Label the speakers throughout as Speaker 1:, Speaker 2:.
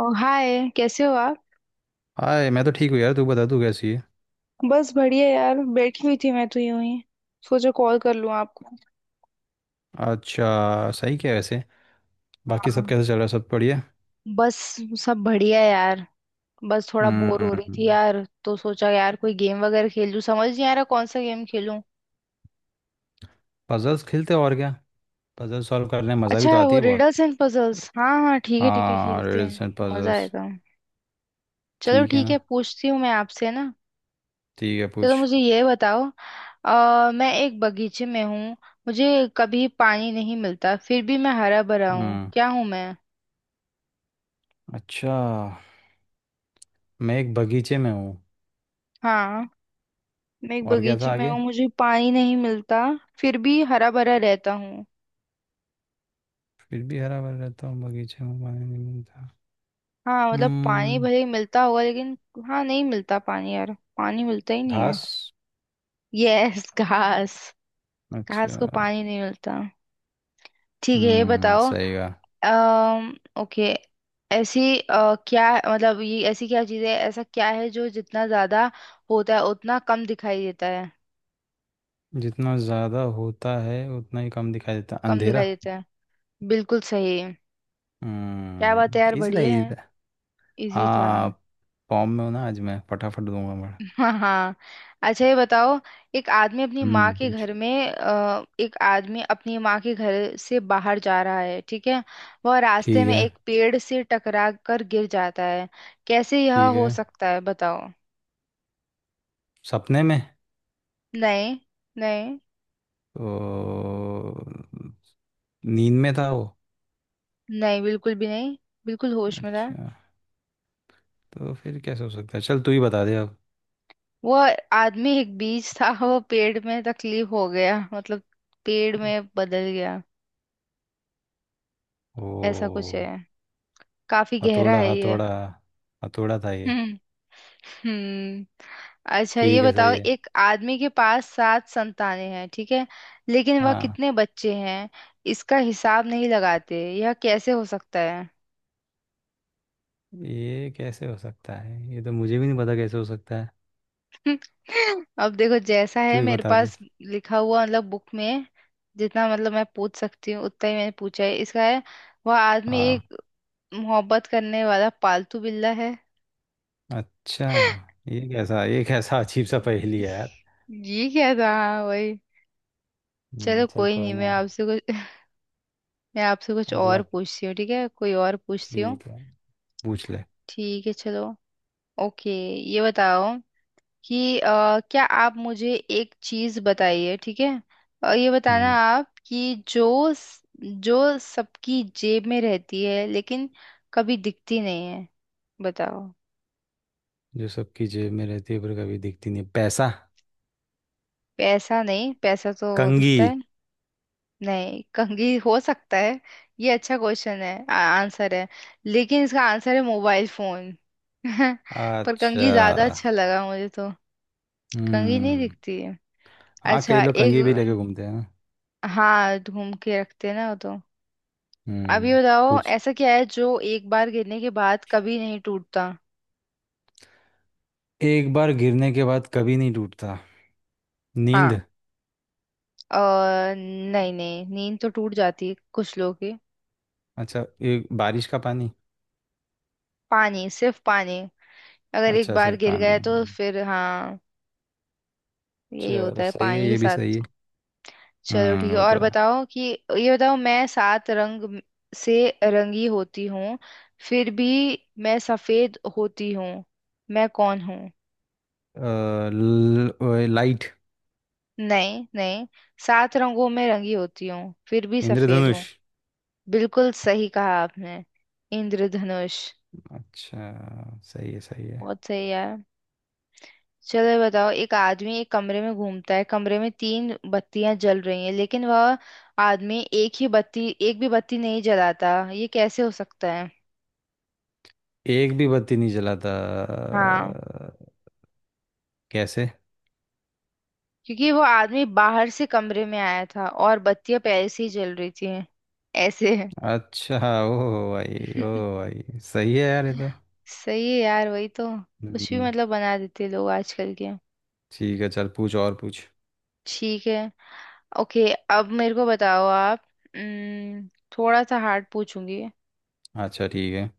Speaker 1: ओ hi, कैसे हो आप।
Speaker 2: हाय, मैं तो ठीक हूँ यार। तू बता तू कैसी है।
Speaker 1: बस बढ़िया यार, बैठी हुई थी मैं तो यूं ही। सोचा कॉल कर लूं आपको।
Speaker 2: अच्छा सही। क्या है वैसे, बाकी
Speaker 1: हाँ,
Speaker 2: सब कैसे चल रहा है, सब बढ़िया।
Speaker 1: बस सब बढ़िया है यार। बस थोड़ा बोर हो रही थी
Speaker 2: हम्म।
Speaker 1: यार, तो सोचा यार कोई गेम वगैरह खेल लूं, समझ नहीं आ रहा कौन सा गेम खेलूं।
Speaker 2: पजल्स खेलते हैं और क्या। पजल सॉल्व करने में मज़ा भी
Speaker 1: अच्छा,
Speaker 2: तो आती
Speaker 1: वो
Speaker 2: है बहुत।
Speaker 1: रिडल्स एंड पजल्स, हाँ हाँ, ठीक है ठीक है,
Speaker 2: हाँ
Speaker 1: खेलते
Speaker 2: रिडल्स
Speaker 1: हैं।
Speaker 2: एंड
Speaker 1: मजा
Speaker 2: पजल्स।
Speaker 1: आएगा। चलो
Speaker 2: ठीक है
Speaker 1: ठीक
Speaker 2: ना।
Speaker 1: है, पूछती हूँ मैं आपसे ना।
Speaker 2: ठीक है
Speaker 1: चलो,
Speaker 2: पूछ।
Speaker 1: मुझे ये बताओ। मैं एक बगीचे में हूँ, मुझे कभी पानी नहीं मिलता, फिर भी मैं हरा भरा हूँ।
Speaker 2: हम्म।
Speaker 1: क्या हूँ मैं।
Speaker 2: अच्छा। मैं एक बगीचे में हूँ।
Speaker 1: हाँ, मैं एक
Speaker 2: और क्या
Speaker 1: बगीचे
Speaker 2: था
Speaker 1: में
Speaker 2: आगे।
Speaker 1: हूँ, मुझे पानी नहीं मिलता, फिर भी हरा भरा रहता हूँ।
Speaker 2: फिर भी हरा भरा रहता हूँ, बगीचे में पानी नहीं मिलता।
Speaker 1: हाँ मतलब, पानी
Speaker 2: हम्म।
Speaker 1: भले ही मिलता होगा लेकिन। हाँ, नहीं मिलता पानी यार, पानी मिलता ही नहीं है।
Speaker 2: घास।
Speaker 1: यस घास। घास
Speaker 2: अच्छा।
Speaker 1: को पानी नहीं मिलता। ठीक है, ये बताओ।
Speaker 2: सही कहा।
Speaker 1: अम्म ओके। ऐसी क्या मतलब, ये ऐसी क्या चीज़ है, ऐसा क्या है जो जितना ज्यादा होता है उतना कम दिखाई देता है।
Speaker 2: जितना ज़्यादा होता है उतना ही कम दिखाई देता,
Speaker 1: कम
Speaker 2: अंधेरा।
Speaker 1: दिखाई देता है, बिल्कुल सही। क्या बात है यार,
Speaker 2: इजी था
Speaker 1: बढ़िया
Speaker 2: इजी
Speaker 1: है।
Speaker 2: था।
Speaker 1: इजी था।
Speaker 2: हाँ। फॉर्म में हो ना आज, मैं फटाफट दूंगा मैं।
Speaker 1: हाँ हाँ। अच्छा ये बताओ, एक आदमी अपनी माँ के
Speaker 2: पूछ।
Speaker 1: घर में एक आदमी अपनी माँ के घर से बाहर जा रहा है, ठीक है। वह रास्ते
Speaker 2: ठीक
Speaker 1: में
Speaker 2: है
Speaker 1: एक पेड़ से टकरा कर गिर जाता है। कैसे यह
Speaker 2: ठीक
Speaker 1: हो
Speaker 2: है।
Speaker 1: सकता है, बताओ।
Speaker 2: सपने में।
Speaker 1: नहीं। नहीं।
Speaker 2: तो नींद में था वो।
Speaker 1: नहीं, बिल्कुल भी नहीं। बिल्कुल होश में था।
Speaker 2: अच्छा। तो फिर कैसे हो सकता है, चल तू ही बता दे अब।
Speaker 1: वह आदमी एक बीज था, वो पेड़ में तकलीफ हो गया, मतलब पेड़ में बदल गया। ऐसा कुछ
Speaker 2: ओ।
Speaker 1: है। काफी गहरा
Speaker 2: हथौड़ा
Speaker 1: है ये।
Speaker 2: हथौड़ा हथौड़ा था ये।
Speaker 1: हम्म। अच्छा ये
Speaker 2: ठीक है
Speaker 1: बताओ,
Speaker 2: सही है।
Speaker 1: एक आदमी के पास सात संतानें हैं, ठीक है। लेकिन वह
Speaker 2: हाँ।
Speaker 1: कितने बच्चे हैं इसका हिसाब नहीं लगाते, यह कैसे हो सकता है।
Speaker 2: ये कैसे हो सकता है, ये तो मुझे भी नहीं पता कैसे हो सकता है।
Speaker 1: अब देखो जैसा
Speaker 2: तू
Speaker 1: है
Speaker 2: ही
Speaker 1: मेरे
Speaker 2: बता दे।
Speaker 1: पास लिखा हुआ, मतलब बुक में। जितना मतलब मैं पूछ सकती हूँ उतना ही मैंने पूछा है, इसका है। वह आदमी
Speaker 2: हाँ
Speaker 1: एक मोहब्बत करने वाला पालतू बिल्ला है।
Speaker 2: अच्छा। ये कैसा अजीब सा पहेली है यार।
Speaker 1: ये क्या था। हाँ, वही। चलो
Speaker 2: चल
Speaker 1: कोई
Speaker 2: कोई
Speaker 1: नहीं,
Speaker 2: ना।
Speaker 1: मैं आपसे कुछ
Speaker 2: अगला।
Speaker 1: और पूछती हूँ, ठीक है, कोई और पूछती हूँ।
Speaker 2: ठीक है। पूछ ले।
Speaker 1: ठीक है चलो। ओके। ये बताओ कि क्या आप मुझे एक चीज बताइए, ठीक है। ये बताना
Speaker 2: हम्म।
Speaker 1: आप कि जो सबकी जेब में रहती है लेकिन कभी दिखती नहीं है। बताओ।
Speaker 2: जो सबकी जेब में रहती है पर कभी दिखती नहीं, पैसा।
Speaker 1: पैसा नहीं, पैसा तो
Speaker 2: कंघी।
Speaker 1: दिखता है। नहीं, कंघी हो सकता है। ये अच्छा क्वेश्चन है, आंसर है। लेकिन इसका आंसर है मोबाइल फोन। पर कंघी
Speaker 2: अच्छा।
Speaker 1: ज्यादा अच्छा लगा मुझे तो। कंघी नहीं
Speaker 2: हम्म।
Speaker 1: दिखती है।
Speaker 2: हाँ
Speaker 1: अच्छा
Speaker 2: कई लोग
Speaker 1: एक।
Speaker 2: कंघी भी लेके घूमते हैं ना।
Speaker 1: हाँ, घूम के रखते हैं ना वो तो। अब ये
Speaker 2: हम्म।
Speaker 1: बताओ,
Speaker 2: पूछ।
Speaker 1: ऐसा क्या है जो एक बार गिरने के बाद कभी नहीं टूटता।
Speaker 2: एक बार गिरने के बाद कभी नहीं टूटता। नींद।
Speaker 1: हाँ, और नहीं नहीं नींद तो टूट जाती है कुछ लोगों की।
Speaker 2: अच्छा। एक बारिश का पानी।
Speaker 1: पानी, सिर्फ पानी। अगर एक
Speaker 2: अच्छा
Speaker 1: बार
Speaker 2: सिर्फ
Speaker 1: गिर
Speaker 2: पानी।
Speaker 1: गए तो फिर हाँ, यही
Speaker 2: चलो
Speaker 1: होता है
Speaker 2: सही है,
Speaker 1: पानी के
Speaker 2: ये भी सही है।
Speaker 1: साथ। चलो ठीक है,
Speaker 2: वो
Speaker 1: और
Speaker 2: तो है।
Speaker 1: बताओ कि ये बताओ, मैं सात रंग म- से रंगी होती हूँ, फिर भी मैं सफेद होती हूँ। मैं कौन हूँ।
Speaker 2: अ, लाइट।
Speaker 1: नहीं नहीं, सात रंगों में रंगी होती हूँ फिर भी सफेद हूँ।
Speaker 2: इंद्रधनुष।
Speaker 1: बिल्कुल सही कहा आपने। इंद्रधनुष।
Speaker 2: अच्छा सही है सही है।
Speaker 1: बहुत सही यार। चलो ये बताओ, एक आदमी एक कमरे में घूमता है, कमरे में तीन बत्तियां जल रही हैं, लेकिन वह आदमी एक भी बत्ती नहीं जलाता। ये कैसे हो सकता है।
Speaker 2: एक भी बत्ती नहीं जलाता।
Speaker 1: हाँ,
Speaker 2: कैसे।
Speaker 1: क्योंकि वो आदमी बाहर से कमरे में आया था और बत्तियां पहले से ही जल रही थी। ऐसे।
Speaker 2: अच्छा। ओ भाई ओ भाई। सही है यार ये तो।
Speaker 1: सही है यार, वही तो। कुछ भी
Speaker 2: हम्म।
Speaker 1: मतलब बना देते हैं लोग आजकल के।
Speaker 2: ठीक है चल पूछ और पूछ।
Speaker 1: ठीक है। ओके। अब मेरे को बताओ आप। उम्म, थोड़ा सा हार्ड पूछूंगी।
Speaker 2: अच्छा ठीक है।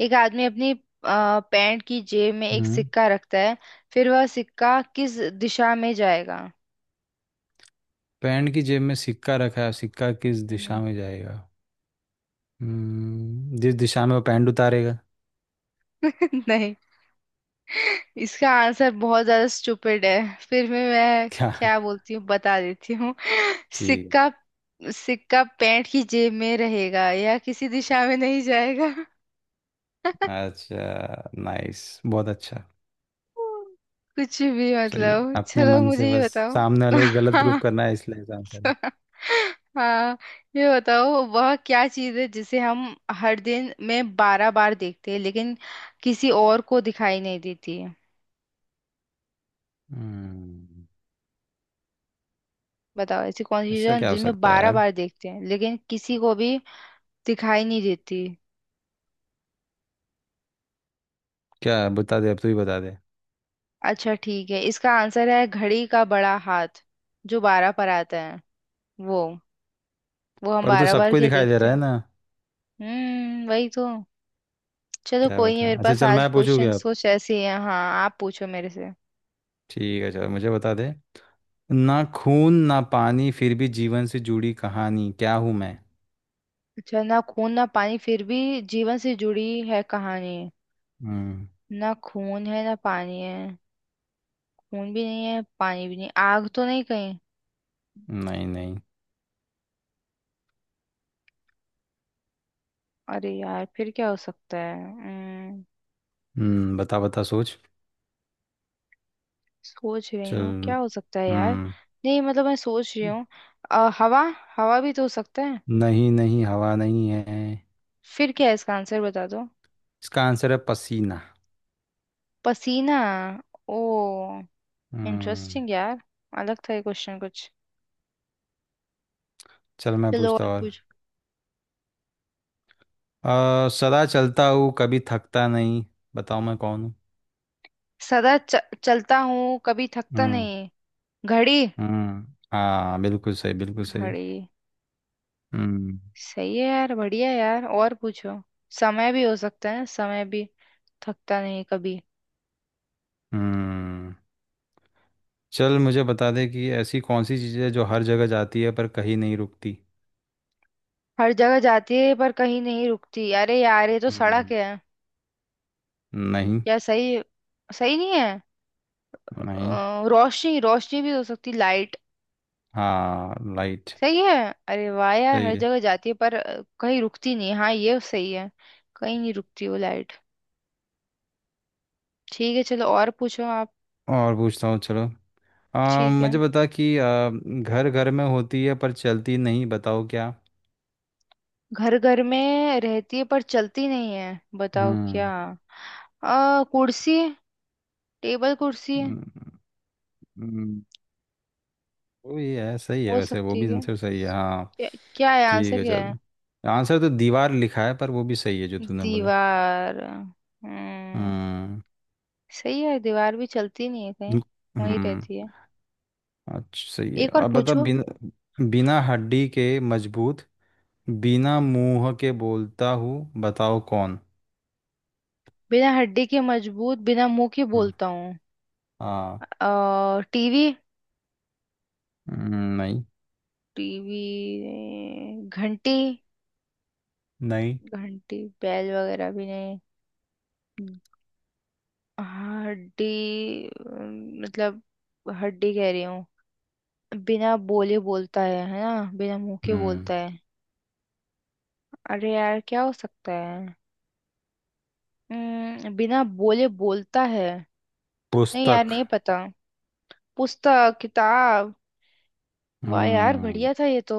Speaker 1: एक आदमी अपनी पैंट की जेब में एक
Speaker 2: हम्म।
Speaker 1: सिक्का रखता है। फिर वह सिक्का किस दिशा में जाएगा।
Speaker 2: पैंट की जेब में सिक्का रखा है, सिक्का किस
Speaker 1: हम्म।
Speaker 2: दिशा में जाएगा। जिस दिशा में वो पैंट उतारेगा।
Speaker 1: नहीं, इसका आंसर बहुत ज्यादा स्टूपिड है। फिर भी मैं
Speaker 2: क्या।
Speaker 1: क्या बोलती हूँ बता देती हूँ।
Speaker 2: ठीक।
Speaker 1: सिक्का, सिक्का पैंट की जेब में रहेगा, या किसी दिशा में नहीं जाएगा।
Speaker 2: है अच्छा नाइस बहुत अच्छा।
Speaker 1: कुछ भी
Speaker 2: सही है,
Speaker 1: मतलब।
Speaker 2: अपने
Speaker 1: चलो
Speaker 2: मन से
Speaker 1: मुझे ये
Speaker 2: बस
Speaker 1: बताओ।
Speaker 2: सामने वाले को गलत प्रूफ करना है इसलिए आंसर।
Speaker 1: हाँ, ये बताओ, वह क्या चीज़ है जिसे हम हर दिन में बारह बार देखते हैं लेकिन किसी और को दिखाई नहीं देती है।
Speaker 2: हम्म।
Speaker 1: बताओ ऐसी कौन सी चीज़
Speaker 2: ऐसा
Speaker 1: है,
Speaker 2: क्या हो
Speaker 1: दिन में
Speaker 2: सकता है
Speaker 1: बारह
Speaker 2: यार।
Speaker 1: बार देखते हैं लेकिन किसी को भी दिखाई नहीं देती।
Speaker 2: क्या बता दे अब, तू ही बता दे।
Speaker 1: अच्छा ठीक है, इसका आंसर है घड़ी का बड़ा हाथ जो बारह पर आता है। वो वो हम
Speaker 2: पर तो
Speaker 1: बारह बार
Speaker 2: सबको ही
Speaker 1: क्या
Speaker 2: दिखाई दे
Speaker 1: देखते
Speaker 2: रहा है
Speaker 1: हैं।
Speaker 2: ना।
Speaker 1: हम्म, वही तो। चलो
Speaker 2: क्या
Speaker 1: कोई नहीं,
Speaker 2: बता,
Speaker 1: मेरे
Speaker 2: अच्छा
Speaker 1: पास
Speaker 2: चल
Speaker 1: आज
Speaker 2: मैं पूछूंगी
Speaker 1: क्वेश्चन
Speaker 2: अब।
Speaker 1: कुछ ऐसे ही हैं। हाँ आप पूछो मेरे से।
Speaker 2: ठीक है चल मुझे बता दे। ना खून ना पानी, फिर भी जीवन से जुड़ी कहानी, क्या हूं मैं।
Speaker 1: अच्छा, ना खून ना पानी फिर भी जीवन से जुड़ी है कहानी।
Speaker 2: हम्म।
Speaker 1: ना खून है ना पानी है। खून भी नहीं है, पानी भी नहीं, आग तो नहीं कहीं।
Speaker 2: नहीं नहीं।
Speaker 1: अरे यार फिर क्या हो सकता है।
Speaker 2: बता बता सोच।
Speaker 1: सोच रही हूँ क्या
Speaker 2: चल।
Speaker 1: हो सकता है यार।
Speaker 2: हम्म।
Speaker 1: नहीं मतलब, मैं सोच रही हूँ। हवा, हवा भी तो हो सकता है।
Speaker 2: नहीं नहीं, हवा नहीं है।
Speaker 1: फिर क्या है, इसका आंसर बता दो।
Speaker 2: इसका आंसर है पसीना।
Speaker 1: पसीना। ओ,
Speaker 2: हम्म।
Speaker 1: इंटरेस्टिंग यार। अलग था ये क्वेश्चन कुछ।
Speaker 2: चल मैं
Speaker 1: चलो
Speaker 2: पूछता
Speaker 1: और
Speaker 2: और।
Speaker 1: पूछ।
Speaker 2: सदा चलता हूँ कभी थकता नहीं, बताओ मैं कौन हूँ।
Speaker 1: सदा च, चलता हूँ कभी थकता
Speaker 2: हम्म।
Speaker 1: नहीं। घड़ी।
Speaker 2: हम्म। हाँ बिल्कुल सही बिल्कुल सही।
Speaker 1: घड़ी।
Speaker 2: हम्म।
Speaker 1: सही है यार, बढ़िया यार, और पूछो। समय भी हो सकता है, समय भी। थकता नहीं कभी।
Speaker 2: हम्म। चल मुझे बता दे कि ऐसी कौन सी चीज़ है जो हर जगह जाती है पर कहीं नहीं रुकती।
Speaker 1: हर जगह जाती है पर कहीं नहीं रुकती, अरे यार ये तो सड़क
Speaker 2: हम्म।
Speaker 1: है।
Speaker 2: नहीं
Speaker 1: यार सही, सही नहीं है।
Speaker 2: नहीं।
Speaker 1: रोशनी, रोशनी भी हो सकती, लाइट।
Speaker 2: हाँ लाइट।
Speaker 1: सही है। अरे वाह यार,
Speaker 2: सही
Speaker 1: हर
Speaker 2: है।
Speaker 1: जगह जाती है पर कहीं रुकती नहीं, हाँ ये सही है। कहीं नहीं रुकती वो लाइट। ठीक है चलो, और पूछो आप।
Speaker 2: और पूछता हूँ चलो।
Speaker 1: ठीक है।
Speaker 2: मुझे बता कि घर घर में होती है पर चलती नहीं, बताओ क्या।
Speaker 1: घर घर में रहती है पर चलती नहीं है, बताओ क्या।
Speaker 2: हम्म।
Speaker 1: कुर्सी, टेबल कुर्सी
Speaker 2: हम्म, हम्म। वो ये है, सही है
Speaker 1: हो
Speaker 2: वैसे, वो
Speaker 1: सकती
Speaker 2: भी
Speaker 1: है।
Speaker 2: आंसर सही है हाँ।
Speaker 1: क्या क्या। क्या है आंसर,
Speaker 2: ठीक है
Speaker 1: क्या है।
Speaker 2: चल। आंसर तो दीवार लिखा है पर वो भी सही है जो तूने बोला।
Speaker 1: दीवार। हम्म,
Speaker 2: हम्म।
Speaker 1: सही है, दीवार भी चलती नहीं है कहीं, वहीं
Speaker 2: हम्म
Speaker 1: रहती है।
Speaker 2: अच्छा सही है।
Speaker 1: एक और
Speaker 2: अब बता
Speaker 1: पूछो।
Speaker 2: बिना हड्डी के मजबूत, बिना मुंह के बोलता हूँ, बताओ कौन।
Speaker 1: बिना हड्डी के मजबूत, बिना मुंह के
Speaker 2: हम्म,
Speaker 1: बोलता हूँ।
Speaker 2: हाँ।
Speaker 1: A TV.
Speaker 2: हम्म, नहीं
Speaker 1: टीवी। घंटी।
Speaker 2: नहीं।
Speaker 1: घंटी, बैल वगैरह भी नहीं। हाँ, हड्डी मतलब हड्डी कह रही हूँ। बिना बोले बोलता है ना, बिना मुंह के
Speaker 2: हम्म।
Speaker 1: बोलता है। अरे यार क्या हो सकता है। बिना बोले बोलता है। नहीं यार,
Speaker 2: पुस्तक।
Speaker 1: नहीं पता। पुस्तक, किताब। वाह यार,
Speaker 2: हम्म।
Speaker 1: बढ़िया था ये तो।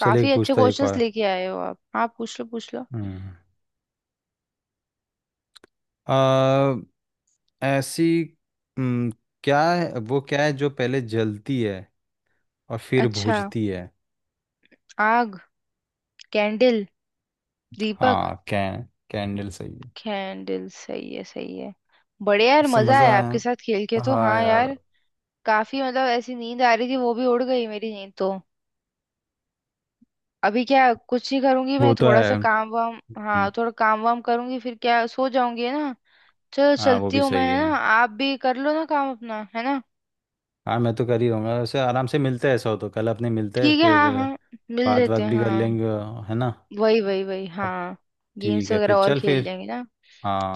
Speaker 2: चल एक
Speaker 1: अच्छे
Speaker 2: पूछता एक और।
Speaker 1: क्वेश्चंस लेके आए हो आप। पूछ लो।
Speaker 2: हम्म। ऐसी। हम्म, क्या है वो, क्या है जो पहले जलती है और फिर
Speaker 1: अच्छा।
Speaker 2: बुझती है।
Speaker 1: आग, कैंडल, दीपक।
Speaker 2: हाँ कैन कैंडल सही है।
Speaker 1: कैंडल सही है, सही है। बढ़िया यार,
Speaker 2: इससे
Speaker 1: मजा
Speaker 2: मज़ा
Speaker 1: आया
Speaker 2: है।
Speaker 1: आपके साथ खेल के तो।
Speaker 2: हाँ
Speaker 1: हाँ
Speaker 2: यार।
Speaker 1: यार, काफी मतलब ऐसी नींद आ रही थी, वो भी उड़ गई मेरी नींद तो। अभी क्या, कुछ नहीं करूंगी मैं,
Speaker 2: वो तो
Speaker 1: थोड़ा
Speaker 2: है।
Speaker 1: सा काम वाम, हाँ
Speaker 2: हम्म,
Speaker 1: थोड़ा काम वाम करूंगी, फिर क्या सो जाऊंगी है ना। चलो
Speaker 2: हाँ वो
Speaker 1: चलती
Speaker 2: भी
Speaker 1: हूँ मैं
Speaker 2: सही
Speaker 1: है
Speaker 2: है।
Speaker 1: ना, आप भी कर लो ना काम अपना है ना।
Speaker 2: हाँ मैं तो कर ही रहूँगा वैसे, आराम से मिलते हैं, ऐसा हो तो कल अपने मिलते हैं
Speaker 1: ठीक है,
Speaker 2: फिर।
Speaker 1: हाँ हाँ। मिल
Speaker 2: बात
Speaker 1: लेते
Speaker 2: बात
Speaker 1: हैं
Speaker 2: भी कर
Speaker 1: हाँ।
Speaker 2: लेंगे, है ना।
Speaker 1: वही वही वही
Speaker 2: अब
Speaker 1: हाँ। गेम्स
Speaker 2: ठीक है
Speaker 1: वगैरह
Speaker 2: फिर
Speaker 1: और
Speaker 2: चल
Speaker 1: खेल
Speaker 2: फिर।
Speaker 1: लेंगे ना।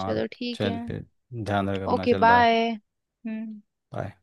Speaker 1: चलो ठीक है।
Speaker 2: चल फिर। ध्यान रख अपना,
Speaker 1: ओके
Speaker 2: चल बाय।
Speaker 1: बाय। हम्म।
Speaker 2: बाय।